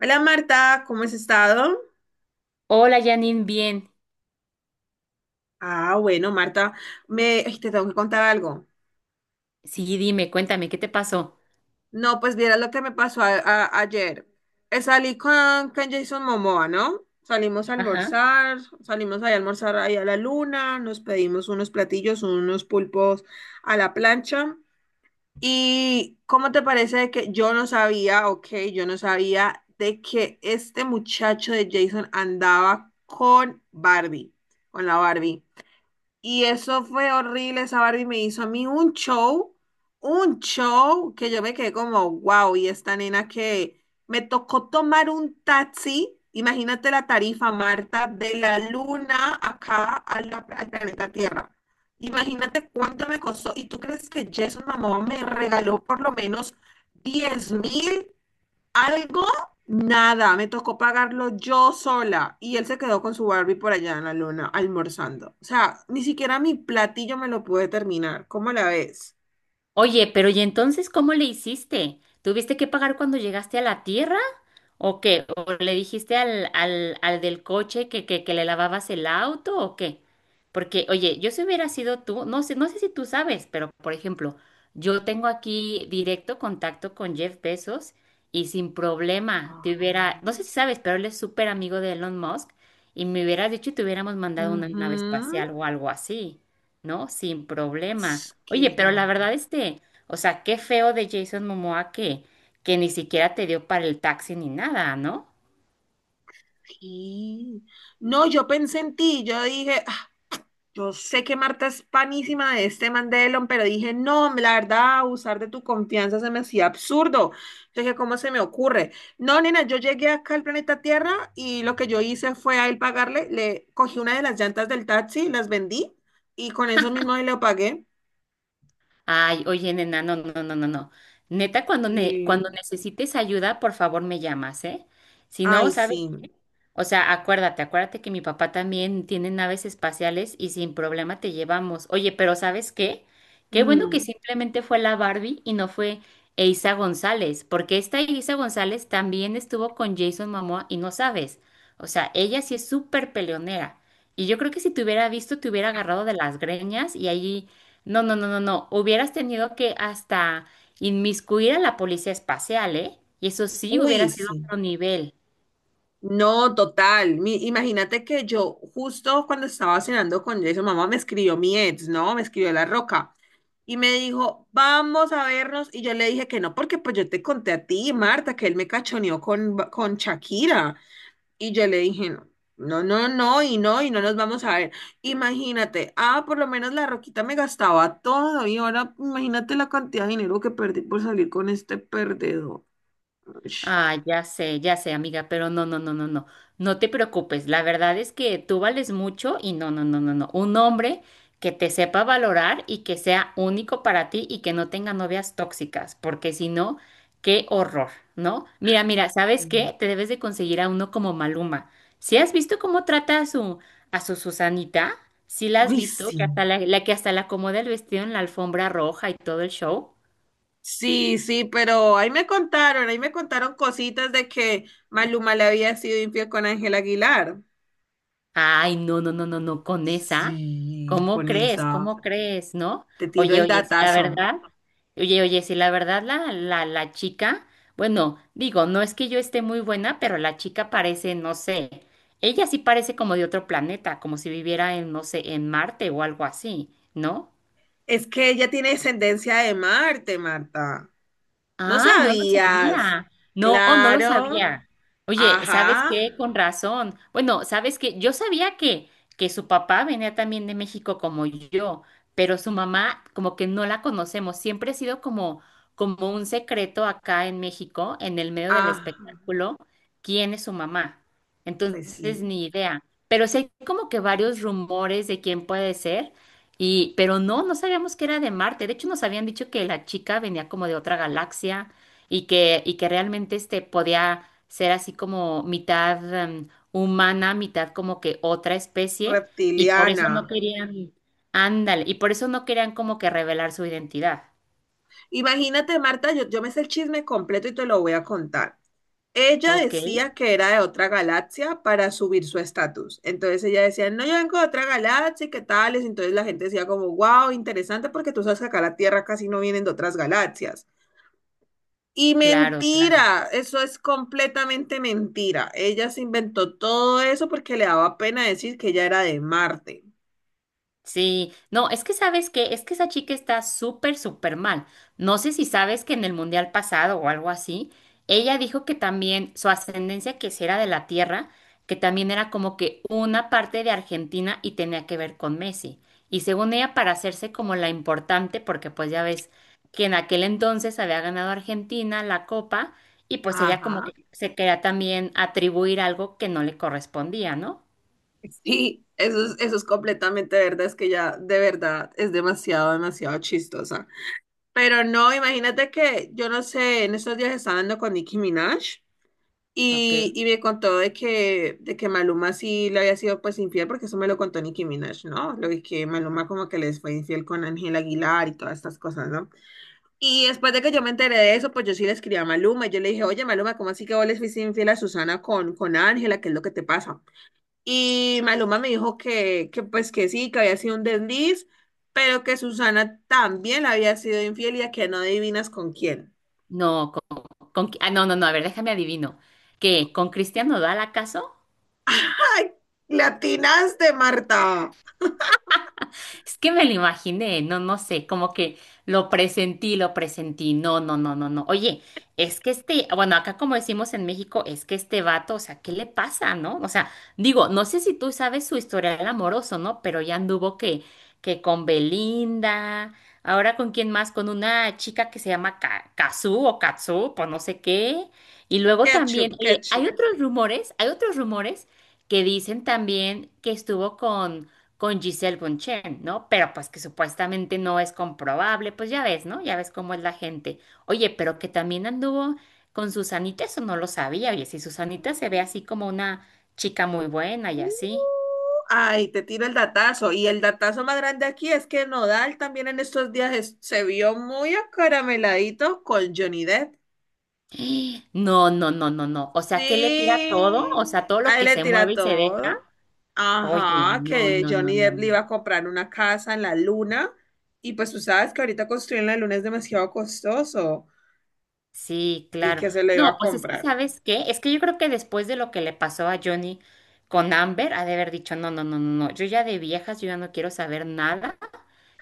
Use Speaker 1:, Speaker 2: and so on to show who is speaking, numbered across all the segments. Speaker 1: Hola Marta, ¿cómo has estado?
Speaker 2: Hola Janine, bien.
Speaker 1: Ah, bueno, Marta, te tengo que contar algo.
Speaker 2: Sí, dime, cuéntame, ¿qué te pasó?
Speaker 1: No, pues vieras lo que me pasó ayer. Salí con Jason Momoa, ¿no? Salimos a
Speaker 2: Ajá.
Speaker 1: almorzar, salimos ahí a almorzar ahí a la luna, nos pedimos unos platillos, unos pulpos a la plancha. ¿Y cómo te parece que yo no sabía, ok, yo no sabía de que este muchacho de Jason andaba con Barbie, con la Barbie? Y eso fue horrible, esa Barbie me hizo a mí un show que yo me quedé como, wow, y esta nena que me tocó tomar un taxi, imagínate la tarifa, Marta, de la luna acá a al planeta Tierra. Imagínate cuánto me costó. ¿Y tú crees que Jason Momoa me regaló por lo menos 10.000? Algo, nada, me tocó pagarlo yo sola y él se quedó con su Barbie por allá en la luna almorzando. O sea, ni siquiera mi platillo me lo pude terminar. ¿Cómo la ves?
Speaker 2: Oye, pero ¿y entonces cómo le hiciste? ¿Tuviste que pagar cuando llegaste a la tierra? ¿O qué? ¿O le dijiste al del coche que le lavabas el auto o qué? Porque, oye, yo si hubiera sido tú, no sé, no sé si tú sabes, pero por ejemplo, yo tengo aquí directo contacto con Jeff Bezos y sin problema te
Speaker 1: Ajá.
Speaker 2: hubiera, no sé si sabes, pero él es súper amigo de Elon Musk y me hubieras dicho y te hubiéramos mandado una nave
Speaker 1: Ujú.
Speaker 2: espacial o algo así. ¿No? Sin problema.
Speaker 1: Ts, ¿qué
Speaker 2: Oye,
Speaker 1: es
Speaker 2: pero la verdad,
Speaker 1: Marta?
Speaker 2: este, o sea, qué feo de Jason Momoa que ni siquiera te dio para el taxi ni nada, ¿no?
Speaker 1: Sí. No, yo pensé en ti, yo dije, yo sé que Marta es panísima de este Mandelon, pero dije, no, la verdad, abusar de tu confianza se me hacía absurdo. Yo dije, ¿cómo se me ocurre? No, nena, yo llegué acá al planeta Tierra y lo que yo hice fue a él pagarle, le cogí una de las llantas del taxi, las vendí y con eso mismo le pagué.
Speaker 2: Ay, oye, nena, no, no, no, no, no. Neta,
Speaker 1: Sí.
Speaker 2: cuando necesites ayuda, por favor me llamas, ¿eh? Si no,
Speaker 1: Ay,
Speaker 2: ¿sabes?
Speaker 1: sí.
Speaker 2: O sea, acuérdate, acuérdate que mi papá también tiene naves espaciales y sin problema te llevamos. Oye, pero ¿sabes qué? Qué bueno que
Speaker 1: Mm.
Speaker 2: simplemente fue la Barbie y no fue Eiza González, porque esta Eiza González también estuvo con Jason Momoa y no sabes. O sea, ella sí es súper peleonera. Y yo creo que si te hubiera visto, te hubiera agarrado de las greñas y ahí, no, no, no, no, no, hubieras tenido que hasta inmiscuir a la policía espacial, ¿eh? Y eso sí hubiera
Speaker 1: Uy,
Speaker 2: sido
Speaker 1: sí.
Speaker 2: otro nivel.
Speaker 1: No, total. Imagínate que yo justo cuando estaba cenando con Jason, mamá me escribió mi ex, ¿no? Me escribió La Roca. Y me dijo, vamos a vernos. Y yo le dije que no, porque pues yo te conté a ti, Marta, que él me cachoneó con Shakira. Y yo le dije, no, no, no, no, y no, y no nos vamos a ver. Imagínate, ah, por lo menos la Roquita me gastaba todo. Y ahora imagínate la cantidad de dinero que perdí por salir con este perdedor. Ush.
Speaker 2: Ah, ya sé, amiga, pero no, no, no, no, no. No te preocupes. La verdad es que tú vales mucho y no, no, no, no, no. Un hombre que te sepa valorar y que sea único para ti y que no tenga novias tóxicas, porque si no, qué horror, ¿no? Mira, mira,
Speaker 1: Sí.
Speaker 2: ¿sabes qué? Te debes de conseguir a uno como Maluma. Si has visto cómo trata a su Susanita? ¿Sí la has
Speaker 1: Uy,
Speaker 2: visto?
Speaker 1: sí.
Speaker 2: Que hasta la acomoda el vestido en la alfombra roja y todo el show.
Speaker 1: Sí, sí, pero ahí me contaron cositas de que Maluma le había sido infiel con Ángel Aguilar.
Speaker 2: Ay, no, no, no, no, no, con esa,
Speaker 1: Sí,
Speaker 2: ¿cómo
Speaker 1: con
Speaker 2: crees?
Speaker 1: esa.
Speaker 2: ¿Cómo crees? ¿No?
Speaker 1: Te tiro
Speaker 2: Oye,
Speaker 1: el
Speaker 2: oye, si la
Speaker 1: datazo.
Speaker 2: verdad, oye, oye, si la verdad la chica, bueno, digo, no es que yo esté muy buena, pero la chica parece, no sé, ella sí parece como de otro planeta, como si viviera en, no sé, en Marte o algo así, ¿no?
Speaker 1: Es que ella tiene descendencia de Marte, Marta. ¿No
Speaker 2: Ay, no lo
Speaker 1: sabías?
Speaker 2: sabía. No, no lo
Speaker 1: Claro.
Speaker 2: sabía. Oye, ¿sabes
Speaker 1: Ajá.
Speaker 2: qué? Con razón. Bueno, ¿sabes qué? Yo sabía que su papá venía también de México como yo, pero su mamá como que no la conocemos. Siempre ha sido como, como un secreto acá en México, en el medio del
Speaker 1: Ajá.
Speaker 2: espectáculo, quién es su mamá.
Speaker 1: Pues
Speaker 2: Entonces,
Speaker 1: sí.
Speaker 2: ni idea. Pero sí hay como que varios rumores de quién puede ser, y, pero no, no sabíamos que era de Marte. De hecho, nos habían dicho que la chica venía como de otra galaxia y que realmente este podía ser así como mitad humana, mitad como que otra especie, y por eso
Speaker 1: Reptiliana.
Speaker 2: no querían, ándale, y por eso no querían como que revelar su identidad.
Speaker 1: Imagínate, Marta, yo me sé el chisme completo y te lo voy a contar. Ella
Speaker 2: Ok,
Speaker 1: decía que era de otra galaxia para subir su estatus. Entonces ella decía, no, yo vengo de otra galaxia, ¿y qué tales? Entonces la gente decía como, wow, interesante porque tú sabes que acá a la Tierra casi no vienen de otras galaxias. Y
Speaker 2: claro.
Speaker 1: mentira, eso es completamente mentira. Ella se inventó todo eso porque le daba pena decir que ella era de Marte.
Speaker 2: Sí, no, es que sabes que, es que esa chica está súper, súper mal. No sé si sabes que en el mundial pasado o algo así, ella dijo que también su ascendencia que si era de la tierra, que también era como que una parte de Argentina y tenía que ver con Messi. Y según ella, para hacerse como la importante, porque pues ya ves que en aquel entonces había ganado Argentina la copa y pues ella como
Speaker 1: Ajá.
Speaker 2: que se quería también atribuir algo que no le correspondía, ¿no?
Speaker 1: Sí, eso es completamente verdad, es que ella de verdad es demasiado, demasiado chistosa. Pero no, imagínate que yo no sé, en estos días estaba hablando con Nicki Minaj
Speaker 2: Ok.
Speaker 1: y me contó de que Maluma sí le había sido pues infiel, porque eso me lo contó Nicki Minaj, ¿no? Lo de que Maluma como que les fue infiel con Ángel Aguilar y todas estas cosas, ¿no? Y después de que yo me enteré de eso, pues yo sí le escribí a Maluma y yo le dije, oye Maluma, ¿cómo así que vos le fuiste infiel a Susana con Ángela? ¿Qué es lo que te pasa? Y Maluma me dijo que pues que sí, que había sido un desliz, pero que Susana también había sido infiel y a que no adivinas con quién.
Speaker 2: No, con, no, no, no, a ver, déjame adivino. ¿Qué? ¿Con Cristiano Nodal acaso?
Speaker 1: ¡Ay! ¡Latinaste, Marta!
Speaker 2: Es que me lo imaginé, no, no sé, como que lo presentí, no, no, no, no, no. Oye, es que este, bueno, acá como decimos en México, es que este vato, o sea, ¿qué le pasa, no? O sea, digo, no sé si tú sabes su historial amoroso, ¿no? Pero ya anduvo que con Belinda, ahora con quién más, con una chica que se llama Kazú o Katsu, pues no sé qué. Y luego también,
Speaker 1: Ketchup,
Speaker 2: oye,
Speaker 1: ketchup.
Speaker 2: hay otros rumores que dicen también que estuvo con Giselle Bunchen, ¿no? Pero pues que supuestamente no es comprobable, pues ya ves, ¿no? Ya ves cómo es la gente. Oye, pero que también anduvo con Susanita, eso no lo sabía. Oye, si Susanita se ve así como una chica muy buena y
Speaker 1: Uh,
Speaker 2: así.
Speaker 1: Ay, te tiro el datazo. Y el datazo más grande aquí es que Nodal también en estos días se vio muy acarameladito con Johnny Depp.
Speaker 2: No, no, no, no, no. O sea, que le tira todo, o
Speaker 1: Sí,
Speaker 2: sea, todo lo
Speaker 1: ahí
Speaker 2: que
Speaker 1: le
Speaker 2: se
Speaker 1: tira
Speaker 2: mueve y se
Speaker 1: todo.
Speaker 2: deja. Oye,
Speaker 1: Ajá,
Speaker 2: no,
Speaker 1: que
Speaker 2: no, no,
Speaker 1: Johnny
Speaker 2: no,
Speaker 1: Depp le iba
Speaker 2: no.
Speaker 1: a comprar una casa en la luna y pues tú sabes que ahorita construir en la luna es demasiado costoso
Speaker 2: Sí,
Speaker 1: y
Speaker 2: claro.
Speaker 1: que se le iba
Speaker 2: No,
Speaker 1: a
Speaker 2: pues es que,
Speaker 1: comprar.
Speaker 2: ¿sabes qué? Es que yo creo que después de lo que le pasó a Johnny con Amber, ha de haber dicho, no, no, no, no, no, yo ya de viejas, yo ya no quiero saber nada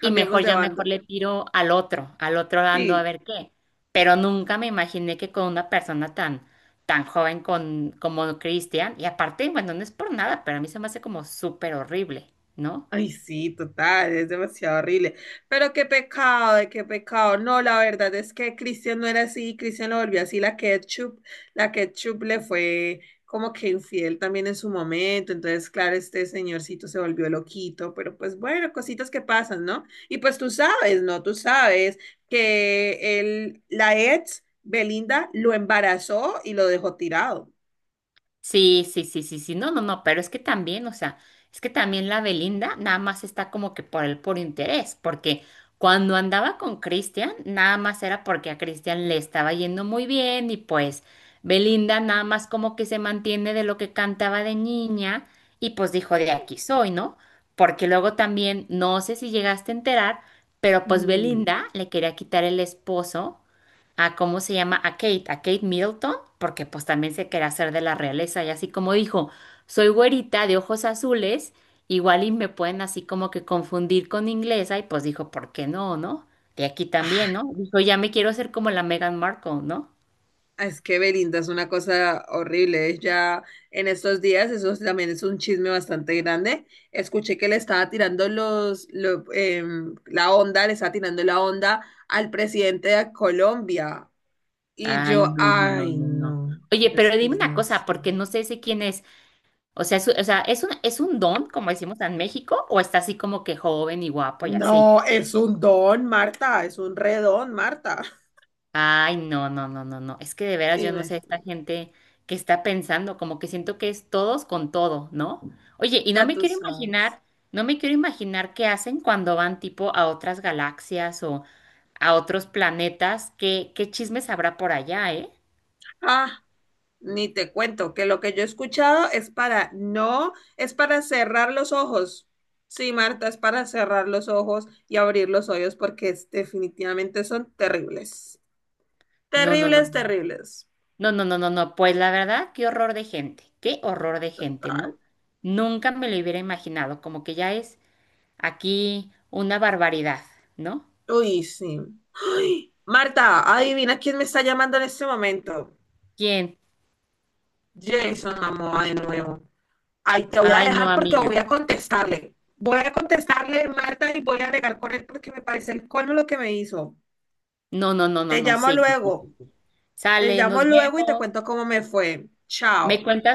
Speaker 2: y mejor
Speaker 1: de
Speaker 2: ya mejor
Speaker 1: bando.
Speaker 2: le tiro al otro dando a
Speaker 1: Sí.
Speaker 2: ver qué. Pero nunca me imaginé que con una persona tan, tan joven con, como Christian, y aparte, bueno, no es por nada, pero a mí se me hace como súper horrible, ¿no?
Speaker 1: Ay, sí, total, es demasiado horrible. Pero qué pecado, ay, qué pecado. No, la verdad es que Cristian no era así, Cristian lo volvió así, la ketchup le fue como que infiel también en su momento. Entonces, claro, este señorcito se volvió loquito, pero pues bueno, cositas que pasan, ¿no? Y pues tú sabes, ¿no? Tú sabes que él, la ex, Belinda, lo embarazó y lo dejó tirado.
Speaker 2: Sí, sí, sí, sí, sí, no, no, no, pero es que también, o sea, es que también la Belinda nada más está como que por el puro interés, porque cuando andaba con Cristian, nada más era porque a Cristian le estaba yendo muy bien y pues Belinda nada más como que se mantiene de lo que cantaba de niña y pues dijo de aquí soy, ¿no? Porque luego también, no sé si llegaste a enterar, pero pues
Speaker 1: Mm.
Speaker 2: Belinda le quería quitar el esposo a cómo se llama, a Kate Middleton, porque pues también se quería hacer de la realeza y así como dijo, soy güerita de ojos azules, igual y me pueden así como que confundir con inglesa y pues dijo, ¿por qué no, no? De aquí también, ¿no? Dijo, ya me quiero hacer como la Meghan Markle, ¿no?
Speaker 1: Ah, es que Belinda es una cosa horrible. Ella en estos días, eso también es un chisme bastante grande. Escuché que le estaba tirando la onda, le estaba tirando la onda al presidente de Colombia. Y
Speaker 2: Ay,
Speaker 1: yo,
Speaker 2: no, no, no,
Speaker 1: ay,
Speaker 2: no, no.
Speaker 1: no,
Speaker 2: Oye,
Speaker 1: es
Speaker 2: pero
Speaker 1: que
Speaker 2: dime
Speaker 1: es
Speaker 2: una
Speaker 1: no
Speaker 2: cosa,
Speaker 1: sé.
Speaker 2: porque no sé si quién es. O sea, es, o sea, es un don, como decimos en México, o está así como que joven y guapo y así?
Speaker 1: No, es un don, Marta, es un redón, Marta.
Speaker 2: Ay, no, no, no, no, no. Es que de veras yo no sé
Speaker 1: Imagínate,
Speaker 2: esta gente que está pensando, como que siento que es todos con todo, ¿no? Oye, y no
Speaker 1: ya
Speaker 2: me
Speaker 1: tú
Speaker 2: quiero
Speaker 1: sabes.
Speaker 2: imaginar, no me quiero imaginar qué hacen cuando van tipo a otras galaxias o a otros planetas, qué, qué chismes habrá por allá, ¿eh?
Speaker 1: Ah. Ni te cuento que lo que yo he escuchado es para no, es para cerrar los ojos. Sí, Marta, es para cerrar los ojos y abrir los oídos porque definitivamente son terribles.
Speaker 2: No, no, no,
Speaker 1: Terribles, terribles.
Speaker 2: no, no, no, no, no. No. Pues la verdad, qué horror de gente, qué horror de gente,
Speaker 1: Total.
Speaker 2: ¿no? Nunca me lo hubiera imaginado, como que ya es aquí una barbaridad, ¿no?
Speaker 1: Uy, sí. Ay, Marta, adivina quién me está llamando en este momento.
Speaker 2: ¿Quién?
Speaker 1: Jason Momoa de nuevo. Ay, te voy a
Speaker 2: Ay, no,
Speaker 1: dejar porque voy
Speaker 2: amiga.
Speaker 1: a contestarle. Voy a contestarle, Marta, y voy a regar con él porque me parece el colmo lo que me hizo.
Speaker 2: No, no, no, no,
Speaker 1: Te
Speaker 2: no,
Speaker 1: llamo
Speaker 2: sí, sí, sí,
Speaker 1: luego.
Speaker 2: sí. Sí.
Speaker 1: Te
Speaker 2: Sale,
Speaker 1: llamo
Speaker 2: nos
Speaker 1: luego y te
Speaker 2: vemos.
Speaker 1: cuento cómo me fue.
Speaker 2: Me
Speaker 1: Chao.
Speaker 2: cuentas